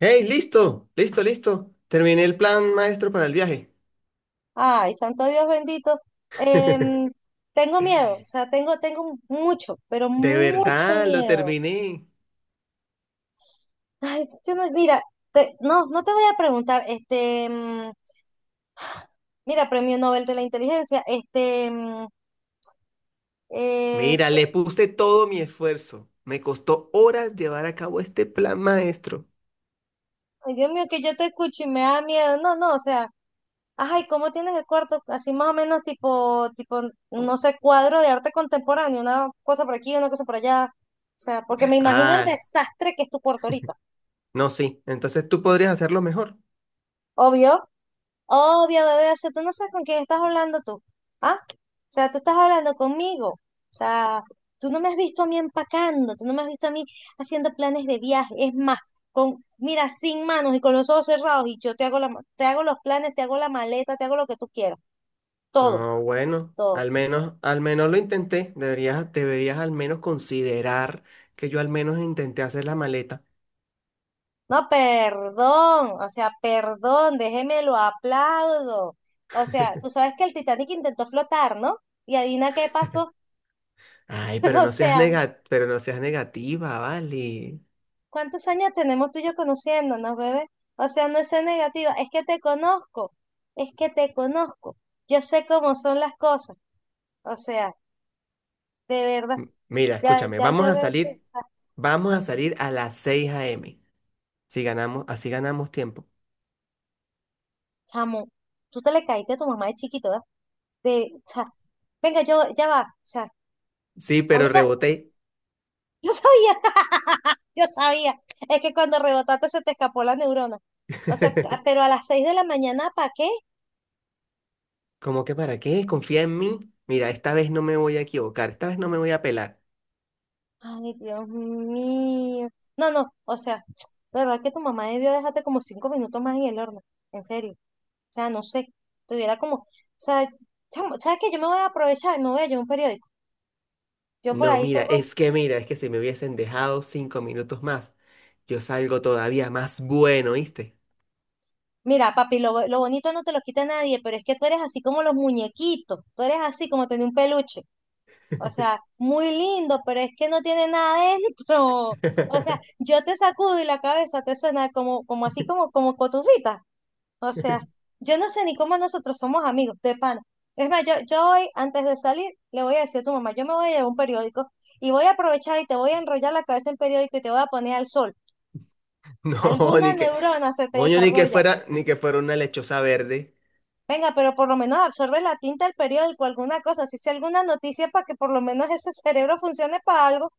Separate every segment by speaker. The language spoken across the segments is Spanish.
Speaker 1: Hey, listo, listo, listo. Terminé el plan maestro para el viaje.
Speaker 2: Ay, santo Dios bendito. Em, tengo miedo, o sea, tengo mucho, pero
Speaker 1: De
Speaker 2: mucho
Speaker 1: verdad, lo
Speaker 2: miedo.
Speaker 1: terminé.
Speaker 2: Ay, sí, yo no, mira, no, no te voy a preguntar, este, mira, premio Nobel de la inteligencia, este, eh,
Speaker 1: Mira, le puse todo mi esfuerzo. Me costó horas llevar a cabo este plan maestro.
Speaker 2: ay, Dios mío, que yo te escucho y me da miedo. No, no, o sea, ay, ¿cómo tienes el cuarto? Así más o menos tipo, tipo, no sé, cuadro de arte contemporáneo, una cosa por aquí, una cosa por allá. O sea, porque me imagino el
Speaker 1: Ah,
Speaker 2: desastre que es tu cuarto ahorita.
Speaker 1: no, sí. Entonces tú podrías hacerlo mejor.
Speaker 2: Obvio, obvio, bebé. O sea, tú no sabes con quién estás hablando tú. ¿Ah? O sea, tú estás hablando conmigo. O sea, tú no me has visto a mí empacando, tú no me has visto a mí haciendo planes de viaje. Es más, con, mira, sin manos y con los ojos cerrados, y yo te hago la, te hago los planes, te hago la maleta, te hago lo que tú quieras. Todo,
Speaker 1: No, bueno,
Speaker 2: todo.
Speaker 1: al menos lo intenté. Deberías al menos considerar que yo al menos intenté hacer la maleta.
Speaker 2: No, perdón. O sea, perdón, déjeme lo aplaudo. O sea, tú sabes que el Titanic intentó flotar, ¿no? Y adivina qué pasó.
Speaker 1: Ay,
Speaker 2: O sea.
Speaker 1: pero no seas negativa, vale.
Speaker 2: ¿Cuántos años tenemos tú y yo conociéndonos, bebé? O sea, no es ser negativa, es que te conozco, es que te conozco. Yo sé cómo son las cosas. O sea, de verdad,
Speaker 1: Mira,
Speaker 2: ya,
Speaker 1: escúchame,
Speaker 2: ya
Speaker 1: vamos
Speaker 2: yo
Speaker 1: a
Speaker 2: veo
Speaker 1: salir, vamos a salir a las 6 a. m. Si ganamos, así ganamos tiempo.
Speaker 2: chamo. Tú te le caíste a tu mamá de chiquito, ¿verdad? De, o sea, venga, yo, ya va. O sea,
Speaker 1: Sí, pero
Speaker 2: ahorita,
Speaker 1: reboté.
Speaker 2: yo sabía, yo sabía. Es que cuando rebotaste se te escapó la neurona. O sea, pero a las 6 de la mañana, ¿para qué?
Speaker 1: ¿Cómo que para qué? Confía en mí. Mira, esta vez no me voy a equivocar, esta vez no me voy a pelar.
Speaker 2: Ay, Dios mío. No, no, o sea, de verdad que tu mamá debió dejarte como 5 minutos más en el horno, en serio. O sea, no sé, tuviera como, o sea, chamo, ¿sabes qué? Yo me voy a aprovechar y me voy a llevar un periódico. Yo por
Speaker 1: No,
Speaker 2: ahí
Speaker 1: mira,
Speaker 2: tengo,
Speaker 1: es que si me hubiesen dejado 5 minutos más, yo salgo todavía más bueno, ¿viste?
Speaker 2: mira, papi, lo, lo bonito no te lo quita nadie, pero es que tú eres así como los muñequitos, tú eres así como tener un peluche. O sea, muy lindo, pero es que no tiene nada dentro. O sea, yo te sacudo y la cabeza te suena como así como cotufita. O sea, yo no sé ni cómo nosotros somos amigos, de pana. Es más, yo hoy, antes de salir, le voy a decir a tu mamá, yo me voy a llevar un periódico y voy a aprovechar y te voy a enrollar la cabeza en periódico y te voy a poner al sol.
Speaker 1: No, ni
Speaker 2: Alguna
Speaker 1: que,
Speaker 2: neurona se te
Speaker 1: coño, ni que
Speaker 2: desarrolla.
Speaker 1: fuera, ni que fuera una lechosa verde.
Speaker 2: Venga, pero por lo menos absorbe la tinta del periódico, alguna cosa, si sea alguna noticia para que por lo menos ese cerebro funcione para algo.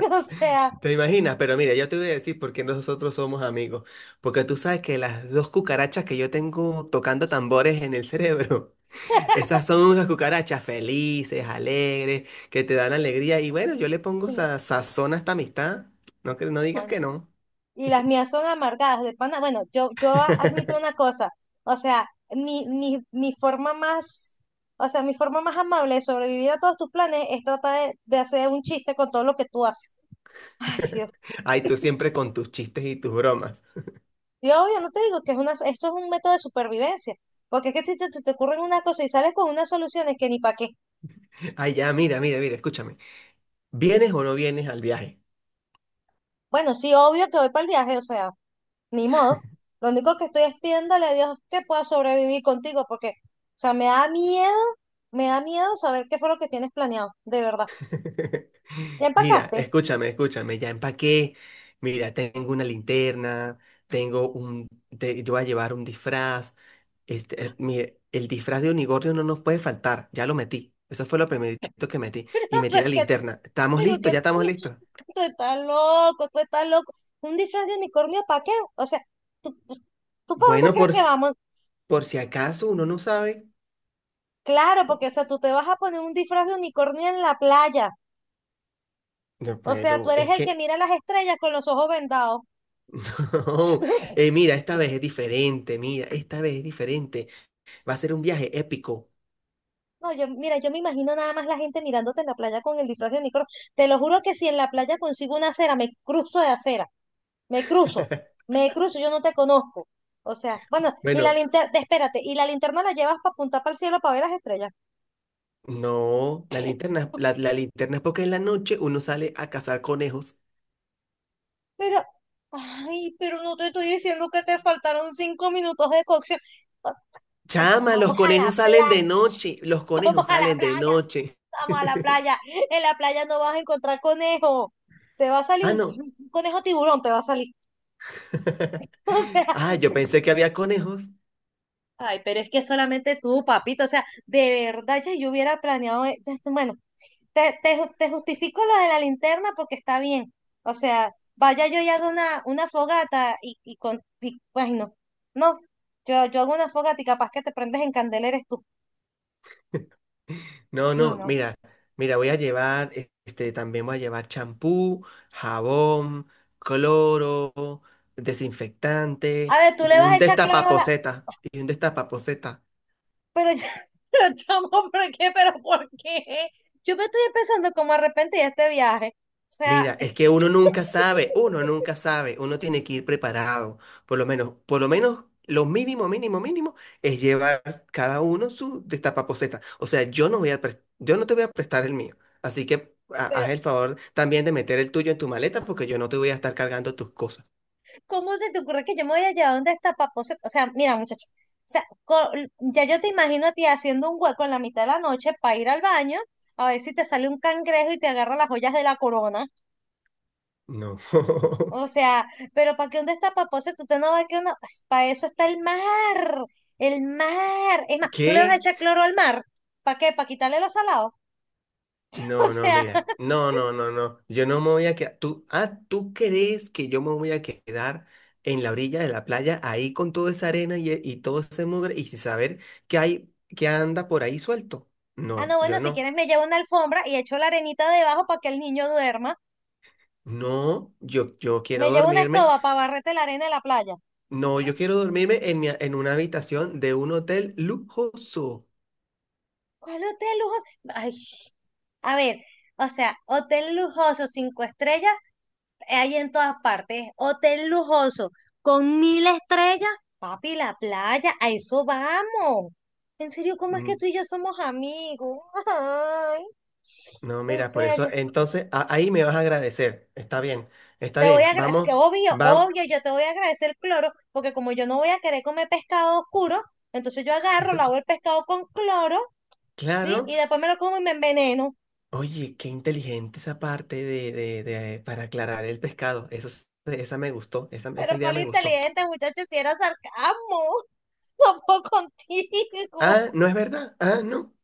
Speaker 2: O sea,
Speaker 1: ¿Te imaginas? Pero mira, yo te voy a decir por qué nosotros somos amigos. Porque tú sabes que las dos cucarachas que yo tengo tocando tambores en el cerebro, esas son unas cucarachas felices, alegres, que te dan alegría. Y bueno, yo le pongo
Speaker 2: sí, no,
Speaker 1: sazón a esta amistad. No, no digas que
Speaker 2: coño.
Speaker 1: no.
Speaker 2: Y las mías son amargadas, de pana. Bueno, yo admito una cosa, o sea, mi forma más, o sea, mi forma más amable de sobrevivir a todos tus planes es tratar de hacer un chiste con todo lo que tú haces. Ay, Dios.
Speaker 1: Ay, tú siempre con tus chistes y tus bromas.
Speaker 2: Yo no te digo que es una, esto es un método de supervivencia, porque es que si se te ocurren unas cosas y sales con unas soluciones que ni para qué.
Speaker 1: Ay, ya, mira, escúchame. ¿Vienes o no vienes al viaje?
Speaker 2: Bueno, sí, obvio que voy para el viaje, o sea. Ni modo. Lo único que estoy es pidiéndole a Dios que pueda sobrevivir contigo, porque, o sea, me da miedo saber qué fue lo que tienes planeado, de verdad. Ya
Speaker 1: Mira,
Speaker 2: empacaste.
Speaker 1: escúchame, ya empaqué. Mira, tengo una linterna, tengo un, yo voy a llevar un disfraz. Mire, el disfraz de unicornio no nos puede faltar, ya lo metí. Eso fue lo primerito que metí.
Speaker 2: Pero
Speaker 1: Y
Speaker 2: tú
Speaker 1: metí la
Speaker 2: es que,
Speaker 1: linterna. ¿Estamos
Speaker 2: pero
Speaker 1: listos?
Speaker 2: que
Speaker 1: ¿Ya estamos
Speaker 2: tú,
Speaker 1: listos?
Speaker 2: tú estás loco, tú estás loco. Un disfraz de unicornio, ¿para qué? O sea, ¿tú, tú para dónde
Speaker 1: Bueno,
Speaker 2: crees que vamos?
Speaker 1: por si acaso uno no sabe.
Speaker 2: Claro, porque, o sea, tú te vas a poner un disfraz de unicornio en la playa.
Speaker 1: No,
Speaker 2: O sea, tú
Speaker 1: pero
Speaker 2: eres
Speaker 1: es
Speaker 2: el que
Speaker 1: que.
Speaker 2: mira las estrellas con los ojos vendados.
Speaker 1: No. Mira, esta vez es diferente, mira, esta vez es diferente. Va a ser un viaje épico.
Speaker 2: No, yo, mira, yo me imagino nada más la gente mirándote en la playa con el disfraz de Nicolo. Te lo juro que si en la playa consigo una acera, me cruzo de acera, me cruzo, me cruzo, yo no te conozco. O sea, bueno, y la
Speaker 1: Bueno,
Speaker 2: linterna, espérate, y la linterna la llevas para apuntar para el cielo para ver las estrellas.
Speaker 1: no, la linterna, la linterna es porque en la noche uno sale a cazar conejos.
Speaker 2: Pero, ay, pero no te estoy diciendo que te faltaron 5 minutos de cocción. Ah, pues,
Speaker 1: Chama, los
Speaker 2: vamos a la
Speaker 1: conejos salen de
Speaker 2: playa,
Speaker 1: noche. Los
Speaker 2: vamos
Speaker 1: conejos
Speaker 2: a la
Speaker 1: salen de
Speaker 2: playa,
Speaker 1: noche.
Speaker 2: vamos a la playa. En la playa no vas a encontrar conejo. Te va a salir
Speaker 1: Ah, no.
Speaker 2: un, conejo tiburón, te va a salir. O sea,
Speaker 1: Ah, yo pensé que había conejos.
Speaker 2: ay, pero es que solamente tú, papito, o sea, de verdad ya yo hubiera planeado, ya bueno, te justifico lo de la linterna porque está bien, o sea, vaya yo y hago una fogata y con, y, ay, no, no, yo hago una fogata y capaz que te prendes en candela eres tú,
Speaker 1: No,
Speaker 2: sí,
Speaker 1: no,
Speaker 2: no.
Speaker 1: mira, voy a llevar, este, también voy a llevar champú, jabón, cloro, desinfectante
Speaker 2: A ver, tú
Speaker 1: y
Speaker 2: le vas a
Speaker 1: un
Speaker 2: echar cloro a la,
Speaker 1: destapaposeta. Y un destapaposeta.
Speaker 2: pero ya, pero chamo, ¿por qué? ¿Pero por qué? Yo me estoy empezando como a arrepentir de este viaje, o sea.
Speaker 1: Mira, es que uno nunca sabe, uno nunca sabe, uno tiene que ir preparado, por lo menos lo mínimo, mínimo, mínimo es llevar cada uno su destapaposeta. O sea, yo no te voy a prestar el mío, así que haz el favor también de meter el tuyo en tu maleta porque yo no te voy a estar cargando tus cosas.
Speaker 2: ¿Cómo se te ocurre que yo me voy a llevar donde está Papoceta? O sea, mira, muchacha. O sea, ya yo te imagino a ti haciendo un hueco en la mitad de la noche para ir al baño, a ver si te sale un cangrejo y te agarra las joyas de la corona.
Speaker 1: No.
Speaker 2: O sea, pero ¿para qué dónde está Papoceta? Usted no va que uno. Pues, para eso está el mar. El mar. Es más, tú le vas a
Speaker 1: ¿Qué?
Speaker 2: echar cloro al mar. ¿Para qué? ¿Para quitarle los salados? O
Speaker 1: No, no,
Speaker 2: sea,
Speaker 1: mira, no, no, no, no, yo no me voy a quedar, tú, ah, ¿tú crees que yo me voy a quedar en la orilla de la playa ahí con toda esa arena y todo ese mugre y sin saber que hay, que anda por ahí suelto?
Speaker 2: ah, no,
Speaker 1: No, yo
Speaker 2: bueno, si
Speaker 1: no,
Speaker 2: quieres me llevo una alfombra y echo la arenita debajo para que el niño duerma.
Speaker 1: no, yo quiero
Speaker 2: Me llevo una
Speaker 1: dormirme,
Speaker 2: escoba para barrete la arena de la playa.
Speaker 1: no, yo quiero dormirme en una habitación de un hotel lujoso.
Speaker 2: ¿Cuál hotel lujoso? Ay, a ver, o sea, hotel lujoso, 5 estrellas, hay en todas partes. Hotel lujoso, con mil estrellas, papi, la playa, a eso vamos. En serio, ¿cómo es que
Speaker 1: Mm,
Speaker 2: tú y yo somos amigos? Ay,
Speaker 1: No,
Speaker 2: en
Speaker 1: mira, por
Speaker 2: serio.
Speaker 1: eso, entonces ahí me vas a agradecer, está
Speaker 2: Te voy
Speaker 1: bien,
Speaker 2: a agradecer, que
Speaker 1: vamos,
Speaker 2: obvio,
Speaker 1: vamos.
Speaker 2: obvio, yo te voy a agradecer el cloro, porque como yo no voy a querer comer pescado oscuro, entonces yo agarro, lavo el pescado con cloro, ¿sí?
Speaker 1: Claro.
Speaker 2: Y después me lo como y me enveneno.
Speaker 1: Oye, qué inteligente esa parte para aclarar el pescado. Eso, esa me gustó, esa,
Speaker 2: Pero
Speaker 1: esa idea
Speaker 2: cuál
Speaker 1: me gustó.
Speaker 2: inteligente, muchacho, si era sarcasmo. Tampoco contigo.
Speaker 1: Ah, ¿no es verdad? Ah, no.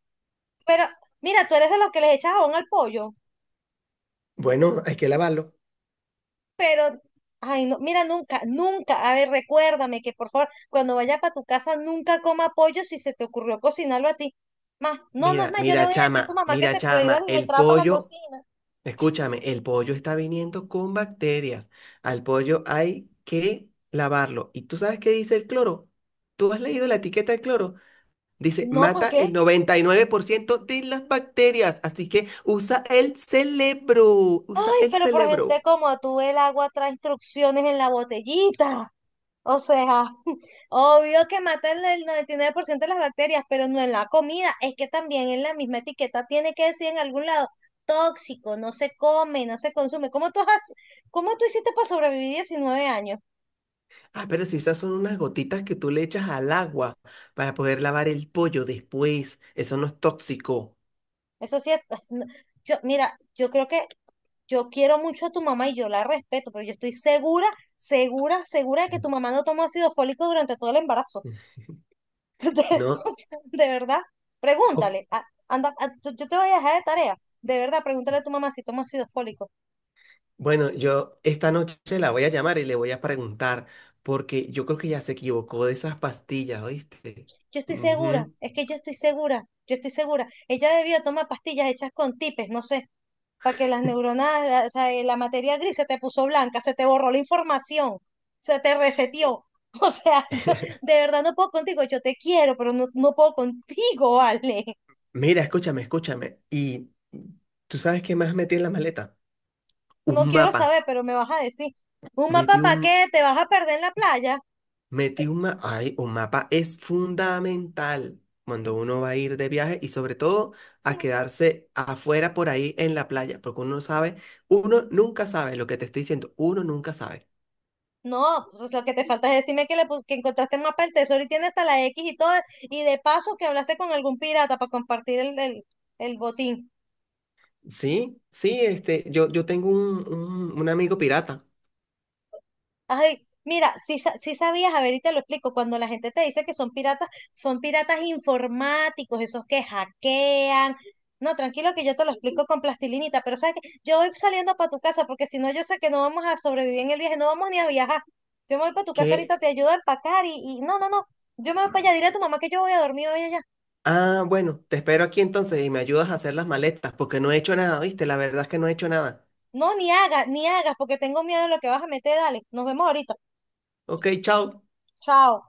Speaker 2: Pero mira, tú eres de los que les echas jabón al pollo,
Speaker 1: Bueno, hay que lavarlo.
Speaker 2: pero, ay, no, mira, nunca, nunca, a ver, recuérdame que por favor, cuando vaya para tu casa, nunca coma pollo si se te ocurrió cocinarlo a ti. Más, no, no es
Speaker 1: Mira,
Speaker 2: más, yo le
Speaker 1: mira,
Speaker 2: voy a decir a tu
Speaker 1: chama,
Speaker 2: mamá que
Speaker 1: mira,
Speaker 2: te prohíba
Speaker 1: chama,
Speaker 2: la
Speaker 1: el
Speaker 2: entrada para la
Speaker 1: pollo,
Speaker 2: cocina.
Speaker 1: escúchame, el pollo está viniendo con bacterias. Al pollo hay que lavarlo. ¿Y tú sabes qué dice el cloro? ¿Tú has leído la etiqueta del cloro? Dice,
Speaker 2: No, ¿para
Speaker 1: mata
Speaker 2: qué?
Speaker 1: el 99% de las bacterias, así que usa el cerebro, usa
Speaker 2: Ay,
Speaker 1: el
Speaker 2: pero por gente
Speaker 1: cerebro.
Speaker 2: como tú, el agua trae instrucciones en la botellita. O sea, obvio que matan el 99% de las bacterias, pero no en la comida. Es que también en la misma etiqueta tiene que decir en algún lado, tóxico, no se come, no se consume. ¿Cómo tú has, cómo tú hiciste para sobrevivir 19 años?
Speaker 1: Ah, pero si esas son unas gotitas que tú le echas al agua para poder lavar el pollo después, eso no es tóxico.
Speaker 2: Eso sí, yo, mira, yo creo que yo quiero mucho a tu mamá y yo la respeto, pero yo estoy segura, segura, segura de que
Speaker 1: Mm.
Speaker 2: tu mamá no tomó ácido fólico durante todo el embarazo. De,
Speaker 1: ¿No?
Speaker 2: o sea, de verdad,
Speaker 1: Ok.
Speaker 2: pregúntale. Anda, yo te voy a dejar de tarea. De verdad, pregúntale a tu mamá si toma ácido fólico.
Speaker 1: Bueno, yo esta noche la voy a llamar y le voy a preguntar, porque yo creo que ya se equivocó de esas pastillas, ¿oíste?
Speaker 2: Yo estoy segura,
Speaker 1: Ujú.
Speaker 2: es que yo estoy segura, yo estoy segura. Ella debió tomar pastillas hechas con tipes, no sé, para que las neuronas, o sea, la materia gris se te puso blanca, se te borró la información, se te reseteó. O sea, yo de verdad no puedo contigo, yo te quiero, pero no, no puedo contigo. Vale.
Speaker 1: Mira, escúchame. ¿Y tú sabes qué más metí en la maleta?
Speaker 2: No
Speaker 1: Un
Speaker 2: quiero
Speaker 1: mapa.
Speaker 2: saber, pero me vas a decir, ¿un mapa
Speaker 1: Metí un,
Speaker 2: para qué? ¿Te vas a perder en la playa?
Speaker 1: Metí un mapa. Ay, un mapa es fundamental cuando uno va a ir de viaje y sobre todo a
Speaker 2: No,
Speaker 1: quedarse afuera por ahí en la playa, porque uno sabe, uno nunca sabe lo que te estoy diciendo, uno nunca sabe.
Speaker 2: no, pues lo que te falta es decirme que, que encontraste el mapa del tesoro y tiene hasta la X y todo, y de paso que hablaste con algún pirata para compartir el botín.
Speaker 1: Sí, sí, yo tengo un amigo pirata
Speaker 2: Ay, mira, si sabías, a ver, y te lo explico, cuando la gente te dice que son piratas informáticos, esos que hackean. No, tranquilo que yo te lo explico con plastilinita, pero sabes que yo voy saliendo para tu casa porque si no yo sé que no vamos a sobrevivir en el viaje, no vamos ni a viajar. Yo me voy para tu casa ahorita,
Speaker 1: que,
Speaker 2: te ayudo a empacar y no, no, no, yo me voy para allá, dile a tu mamá que yo voy a dormir hoy allá.
Speaker 1: bueno, te espero aquí entonces y me ayudas a hacer las maletas, porque no he hecho nada, ¿viste? La verdad es que no he hecho nada.
Speaker 2: No, ni hagas, ni hagas, porque tengo miedo de lo que vas a meter. Dale, nos vemos ahorita.
Speaker 1: Ok, chao.
Speaker 2: Chao.